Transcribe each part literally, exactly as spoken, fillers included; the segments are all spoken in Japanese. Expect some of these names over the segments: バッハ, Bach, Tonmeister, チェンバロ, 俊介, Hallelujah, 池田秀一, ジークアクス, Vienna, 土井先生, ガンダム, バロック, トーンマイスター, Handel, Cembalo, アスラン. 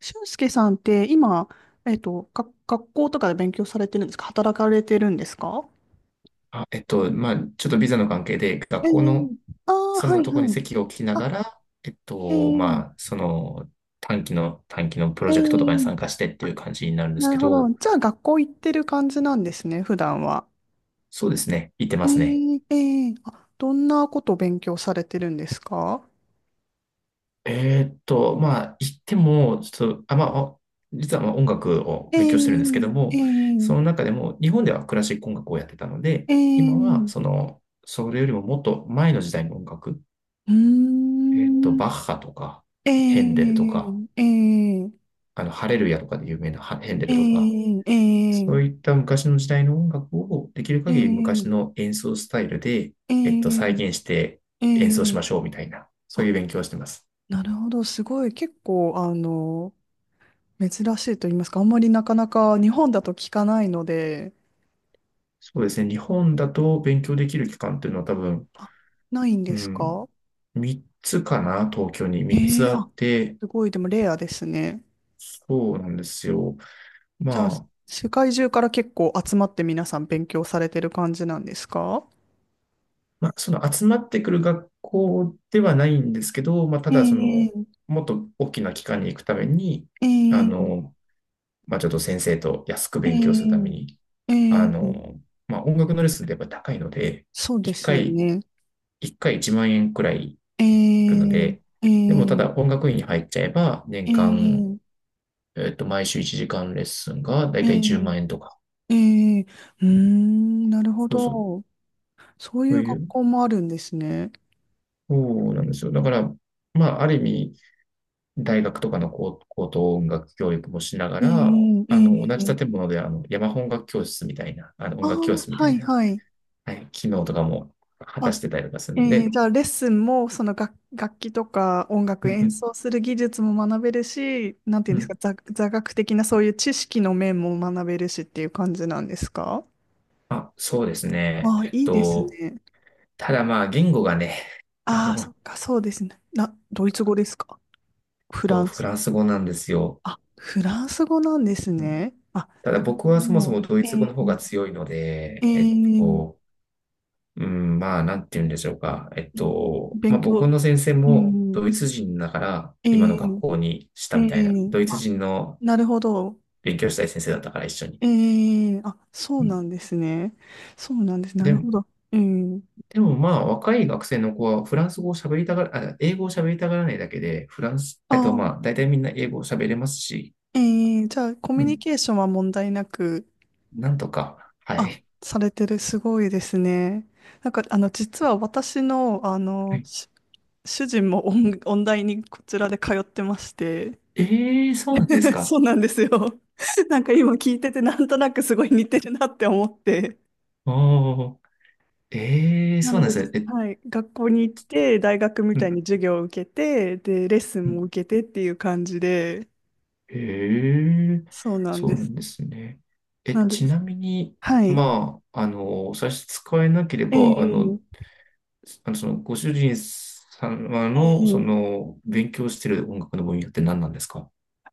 俊介さんって今、えっと、が学校とかで勉強されてるんですか？働かれてるんですか？あ、えっと、まあ、ちょっとビザの関係で、え学え校のああそー、はのいとこにはい。席を置きなあ、がら、えっえと、えまあ、その短期の、短期のプロええジェクトとかに参加してっていあ、う感じになるんですなけるほど。ど。じゃあ学校行ってる感じなんですね、普段は。そうですね、行ってえますね。えええあ、どんなことを勉強されてるんですか？えーっと、まあ、行っても、ちょっと、あ、まあ、お実はまあ音楽を勉強してるんですけどええも、そのええ中でも、日本ではクラシック音楽をやってたので、今は、そええの、それよりももっと前の時代の音楽、うーえーっと、ん、バッハとか、えヘンデルとか、えええあの、ハレルヤとかで有名なヘンデルとか、えそええういった昔の時代の音楽をできる限り昔ええの演奏スタイルで、ええっと、再え現してえ演奏しまえしょうみたいな、そうあ、いう勉強をしてます。なるほど。すごい。結構、あの、珍しいと言いますか、あんまりなかなか日本だと聞かないので、そうですね。日本だと勉強できる期間っていうのは多分、あ、ないんうですん、か？みっつかな、東京に3えつえああ、って、すごい。でもレアですね。そうなんですよ。じゃあ、まあ、世界中から結構集まって皆さん勉強されてる感じなんですか？まあ、その集まってくる学校ではないんですけど、まあ、ただその、ええもっと大きな機関に行くために、あええの、まあ、ちょっと先生と安く勉強するためえに、えあええの、まあ、音楽のレッスンってやっぱ高いので、そうで1すよ回、ね。いっかいいちまん円くらいいくのえで、えでもただええ音楽院に入っちゃえば、年間、えええっと、毎週いちじかんレッスンがだいええたいじゅうまん円とか。ええうーん、なるほそうそう。ど。そういそううい学う、校もあるんですね。そうなんですよ。だから、まあ、ある意味、大学とかの高高等音楽教育もしながえら、うえあの、同えじ建え物で、あの、山本音楽教室みたいな、あの、あ音楽教あ室みはたいいな、はい。はい、機能とかも果たあ、してたりとかするんええで、じゃあレッスンも、その楽、楽器とか音う楽演ん奏する技術も学べるし、なんていううんんうですか、ん。座、座学的なそういう知識の面も学べるしっていう感じなんですか？あ、そうですね。ああえっいいですと、ね。ただまあ、言語がね、あああ、の、えそっっか、そうですね。な、ドイツ語ですか？フラとンフス。ランス語なんですよ。あ、フランス語なんですうん。ね。あ、ただなる僕はそもそほもど。ドイえツ語えの方が強いので、えっええと、うん、まあ、なんて言うんでしょうか。えっと、まあ、僕勉の先生強。えもドイえツ人だから、え今の学え校にしえたみたいな。えドイツあ、人のなるほど。勉強したい先生だったから一緒に。ええあ、そううんなんですね。そうなんです。なるで、ほど。ええでもまあ、若い学生の子はフランス語を喋りたがら、あ、英語を喋りたがらないだけで、フランス、えっとあ、まあ、大体みんな英語を喋れますし、ええじゃあ、コミうュニん、ケーションは問題なく、なんとか、はあ、い。されてる、すごいですね。なんか、あの、実は私の、あ はの、い。し主人も音、音大にこちらで通ってまして、ええー、そうなんです か？そうなんですよ。なんか今聞いてて、なんとなくすごい似てるなって思って。ああ、ええー、なそうのなんで、ですね。え、はい、学校に行って、大学みうたいん、に授業を受けて、で、レッスンうもん。受けてっていう感じで、ええ、そうなんそでうなす。んですね。え、なんで、ちなみに、はい。まあ、あの、差し支えなければ、あの、ええあの、その、ご主人様えの、えその、勉強してる音楽の分野って何なんですか？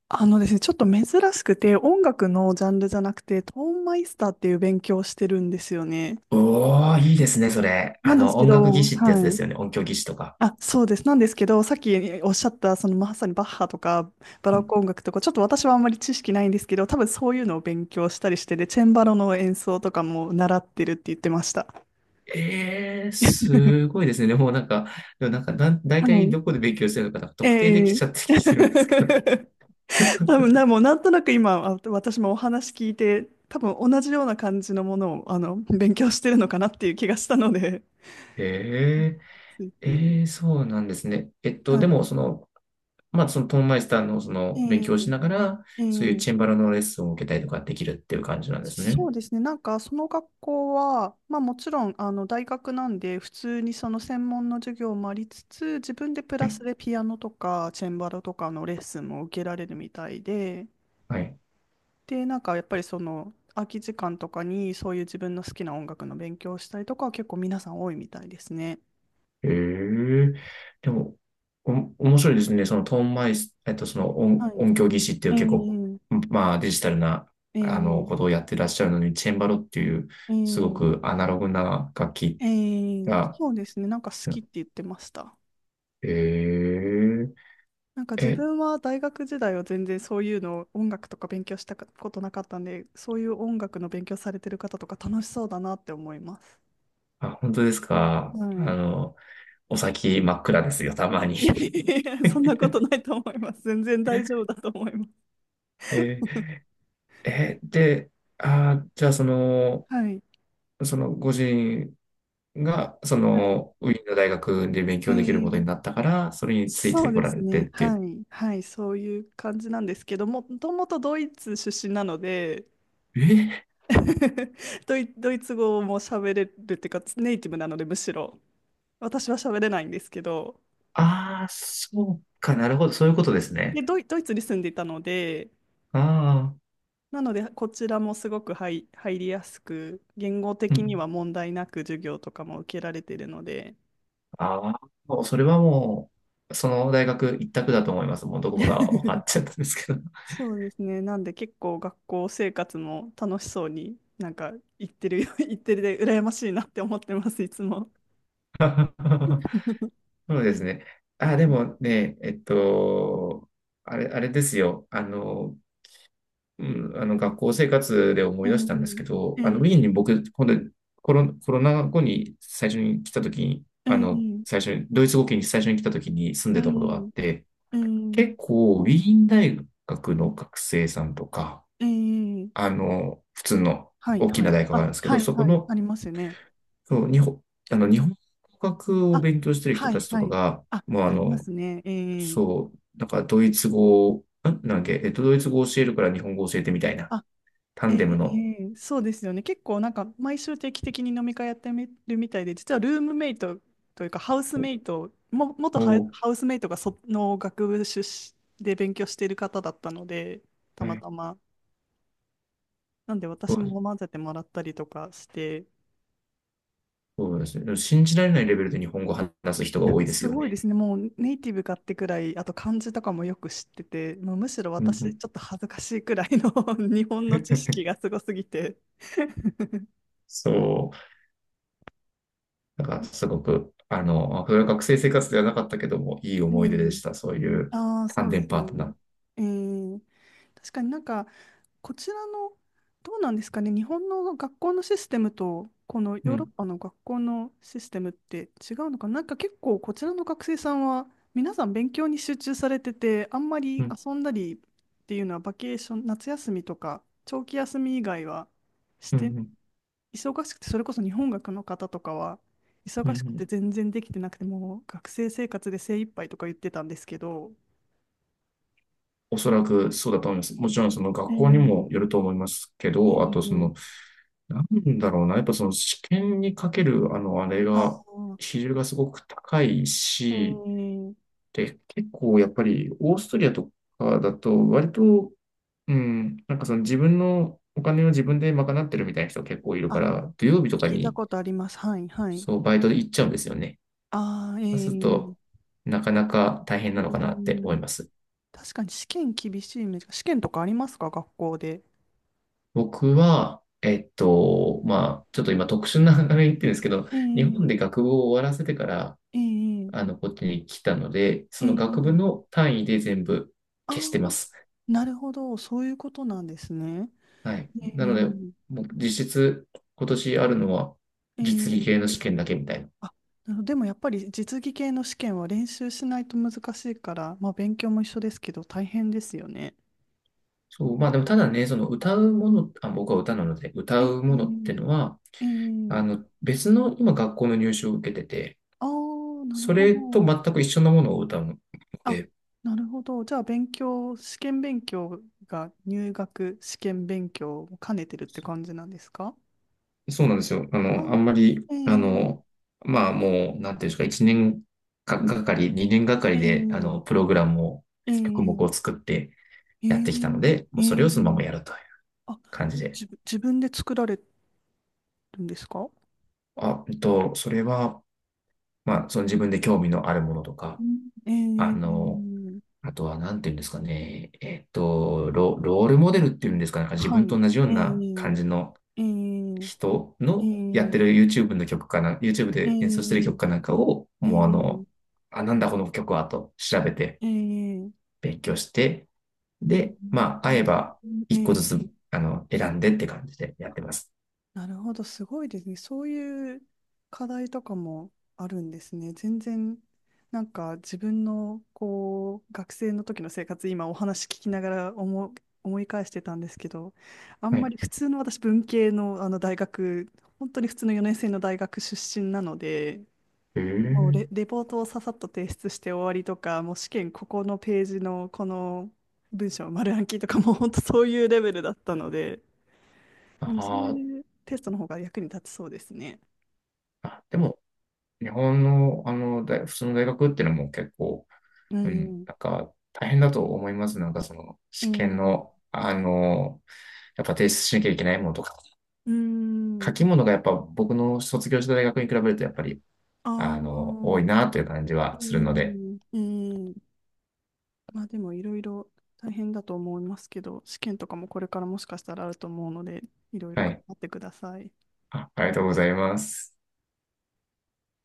あのですね、ちょっと珍しくて、音楽のジャンルじゃなくて、トーンマイスターっていう勉強をしてるんですよね。おー、いいですね、それ。なあんでの、すけ音楽技ど、は師ってやつでい。すよね。音響技師とか。あ、そうです。なんですけど、さっきおっしゃった、そのまさにバッハとかバうロッん、ク音楽とか、ちょっと私はあんまり知識ないんですけど、多分そういうのを勉強したりして、で、チェンバロの演奏とかも習ってるって言ってました。えー、す ごいですね。でもなんか、でもなんか、だ、大は体い。どこで勉強してるのか、なんか特定でえきえ ちゃってきてるんですけど。多分な、もうなんとなく今、あ私もお話聞いて、多分同じような感じのものを、あの、勉強してるのかなっていう気がしたので、えついー、つい。えー、そうなんですね。えっと、はでい。も、その、まあ、そのトーンマイスターのその勉え強をしながら、ええそういうえチェンバロのレッスンを受けたりとかできるっていう感じなんですね。そうですね。なんか、その学校は、まあもちろん、あの、大学なんで、普通にその専門の授業もありつつ、自分でプはラい。スでピアノとか、チェンバロとかのレッスンも受けられるみたいで、はい。で、なんか、やっぱりその、空き時間とかに、そういう自分の好きな音楽の勉強をしたりとかは結構皆さん多いみたいですね。ええ、でも、お、面白いですね。そのトーンマイス、えっと、その音、はい。音響技師っていえう結構、ー、まあ、デジタルな、えあの、ー、ことをやってらっしゃるのに、チェンバロっていう、えすごー、くアナログな楽器えー、が、そうですね。なんか好きって言ってました。えなんかえ、自え、分は大学時代は全然そういうの音楽とか勉強したことなかったんで、そういう音楽の勉強されてる方とか楽しそうだなって思います。あ、本当ですか？あはい。の、お先真っ暗ですよ、たま に。いやいやいや、そんなことないと思います。全然大丈夫だと思います。えー、えで、あー、じゃあその、はい。そのご主人が、そはい。の、ウィーンの大学で勉え強できることーになったから、それについそてうこでらすれてね。っていはう。い。はい。そういう感じなんですけども、もともとドイツ出身なので、え ドイ、ドイツ語も喋れるっていうか、ネイティブなので、むしろ。私は喋れないんですけど、ああー、そうか、なるほど、そういうことですで、ね。ドイ、ドイツに住んでいたので、ああ、なので、こちらもすごく入、入りやすく、言語う的にん。は問題なく授業とかも受けられているので、ああ、もうそれはもう、その大学一択だと思います。もうどこが分かっ ちゃったんですけど。そうですね、なんで結構学校生活も楽しそうに、なんか行ってるよ、行ってるで、羨ましいなって思ってます、いつも。そうですね。あ、でもね、えっと、あれ、あれですよ。あの、うん、あの学校生活で思うい出んしたんですけど、うあのウんィーンうにん僕、ほんでコロ、コロナ後に最初に来た時に、うあの、ん最初に、ドイツ語圏に最初に来た時に住んうでたことがあっんて、うん結構ウィーン大学の学生さんとか、うんあの、普通のはい大きはない。大学がああ、るんですけはど、いそこはい。の、ありますよね。そう日本、あの、日本語学をあ、勉強してる人はたいちとはかい。が、あ、もうあありまの、すね。ええそう、なんかドイツ語を、んなんだっけ、えっと、ドイツ語を教えるから日本語を教えてみたいな、タえンデムの、えそうですよね。結構なんか毎週定期的に飲み会やってみるみたいで、実はルームメイトというかハウスメイト、も、元ハウおハウスメイトがその学部出身で勉強している方だったので、たー、はまい。たま。なんでそ私うでもす。混ぜてもらったりとかして、そうですね。でも信じられないレベルで日本語を話す人がいや、多いですすよごいでね。すね。もうネイティブかってくらい、あと漢字とかもよく知ってて、もうむしろうんう私ん。ちょっと恥ずかしいくらいの 日本の知識 がすごすぎて。そう。なんかすごく、あの、それは学生生活ではなかったけども、いいう思い出でんした。そういうああ、そ単うで電すパーね。トナー。えー、確かになんか、こちらの、どうなんですかね、日本の学校のシステムと、このうヨーロッん、パの学校のシステムって違うのかな、なんか結構、こちらの学生さんは、皆さん勉強に集中されてて、あんまうりん、遊んだりっていうのは、バケーション、夏休みとか、長期休み以外はしうん、て、うん、忙しくて、それこそ日本学の方とかは、う忙しくてん。全然できてなくて、もう学生生活で精一杯とか言ってたんですけど、おそらくそうだと思います。もちろんそのえ学校にもー、よると思いますけえど、あとそー、の、なんだろうな、やっぱその試験にかける、あの、あれあが、ー、比重がすごく高いえし、ー、で、結構やっぱりオーストリアとかだと割と、うん、なんかその自分のお金を自分で賄ってるみたいな人結構いるかあ、ら、土曜日とか聞いたにことあります。はい、はい。そうバイトで行っちゃうんですよね。ああ、えそうするー、と、なかなか大変うなのかなってー思いん、ます。確かに試験厳しいイメージ。試験とかありますか、学校で？僕は、えっと、まあ、ちょっと今特殊な流れに言ってるんですけど、え日本ー、で学部を終わらせてから、えー、あの、こっちに来たので、えその学部ー、の単位で全部ああ、消してます。なるほど、そういうことなんですね。はい。えなので、ー、もう実質今年あるのはえ実技ー、系の試験だけみたいな。あ、なるほど。でもやっぱり実技系の試験は練習しないと難しいから、まあ勉強も一緒ですけど大変ですよね。そう、まあでもただね、その歌うもの、あ、僕は歌なので、歌えうものってー、のは、えあの、ー別の今学校の入試を受けてて、ああ、なるそほれとど。全く一緒のものを歌うのあ、で、なるほど。じゃあ、勉強、試験勉強が入学試験勉強を兼ねてるって感じなんですか？そうなんですよ。あの、あんまり、あ、えあえの、まあもう、なんていうんですか、1年か、がかり、にねんがかりで、あの、ええプログラムを、曲目をええ作ってえやっえてきたので、もえうそえれをそのままやるというあ、感えじで。自分、自分で作られるんですか？あ、えっと、それは、まあ、その自分で興味のあるものとか、うんあの、ええあとは、なんていうんですかね、えっと、ロ、ロールモデルっていうんですかね、なんか自は分とい。同じようええな感じのえええ人のやってる え YouTube の曲かな、YouTube えええで演奏してるえ曲えかなんかを、もうあの、あ、なんだこの曲はと調べてえええ勉強して、で、まあ、会えばいっこずええつ、えあの、選んでって感じでやってます。なるほど、すごいですね。そういう課題とかもあるんですね。全然、なんか自分のこう学生の時の生活、今お話聞きながら思う、思い返してたんですけど、あんはまい。り普通の私、文系の、あの大学、本当に普通のよねん生の大学出身なので、へもうレ、え。レポートをささっと提出して終わりとか、もう試験ここのページのこの文章丸暗記とかもう本当そういうレベルだったので、であもそうーいうテストの方が役に立ちそうですね。あ、でも、日本の、あの、大普通の大学っていうのも結構、ううん、んなんか大変だと思います。なんかそのう試験ん。の、あの、やっぱ提出しなきゃいけないものとか、うん。う書ん。き物がやっぱ僕の卒業した大学に比べるとやっぱり、あああの、多いー。なという感じうはするので、ん。うん。まあでもいろいろ大変だと思いますけど、試験とかもこれからもしかしたらあると思うので、いろいろは頑い。張ってください。あ、ありがとうございます。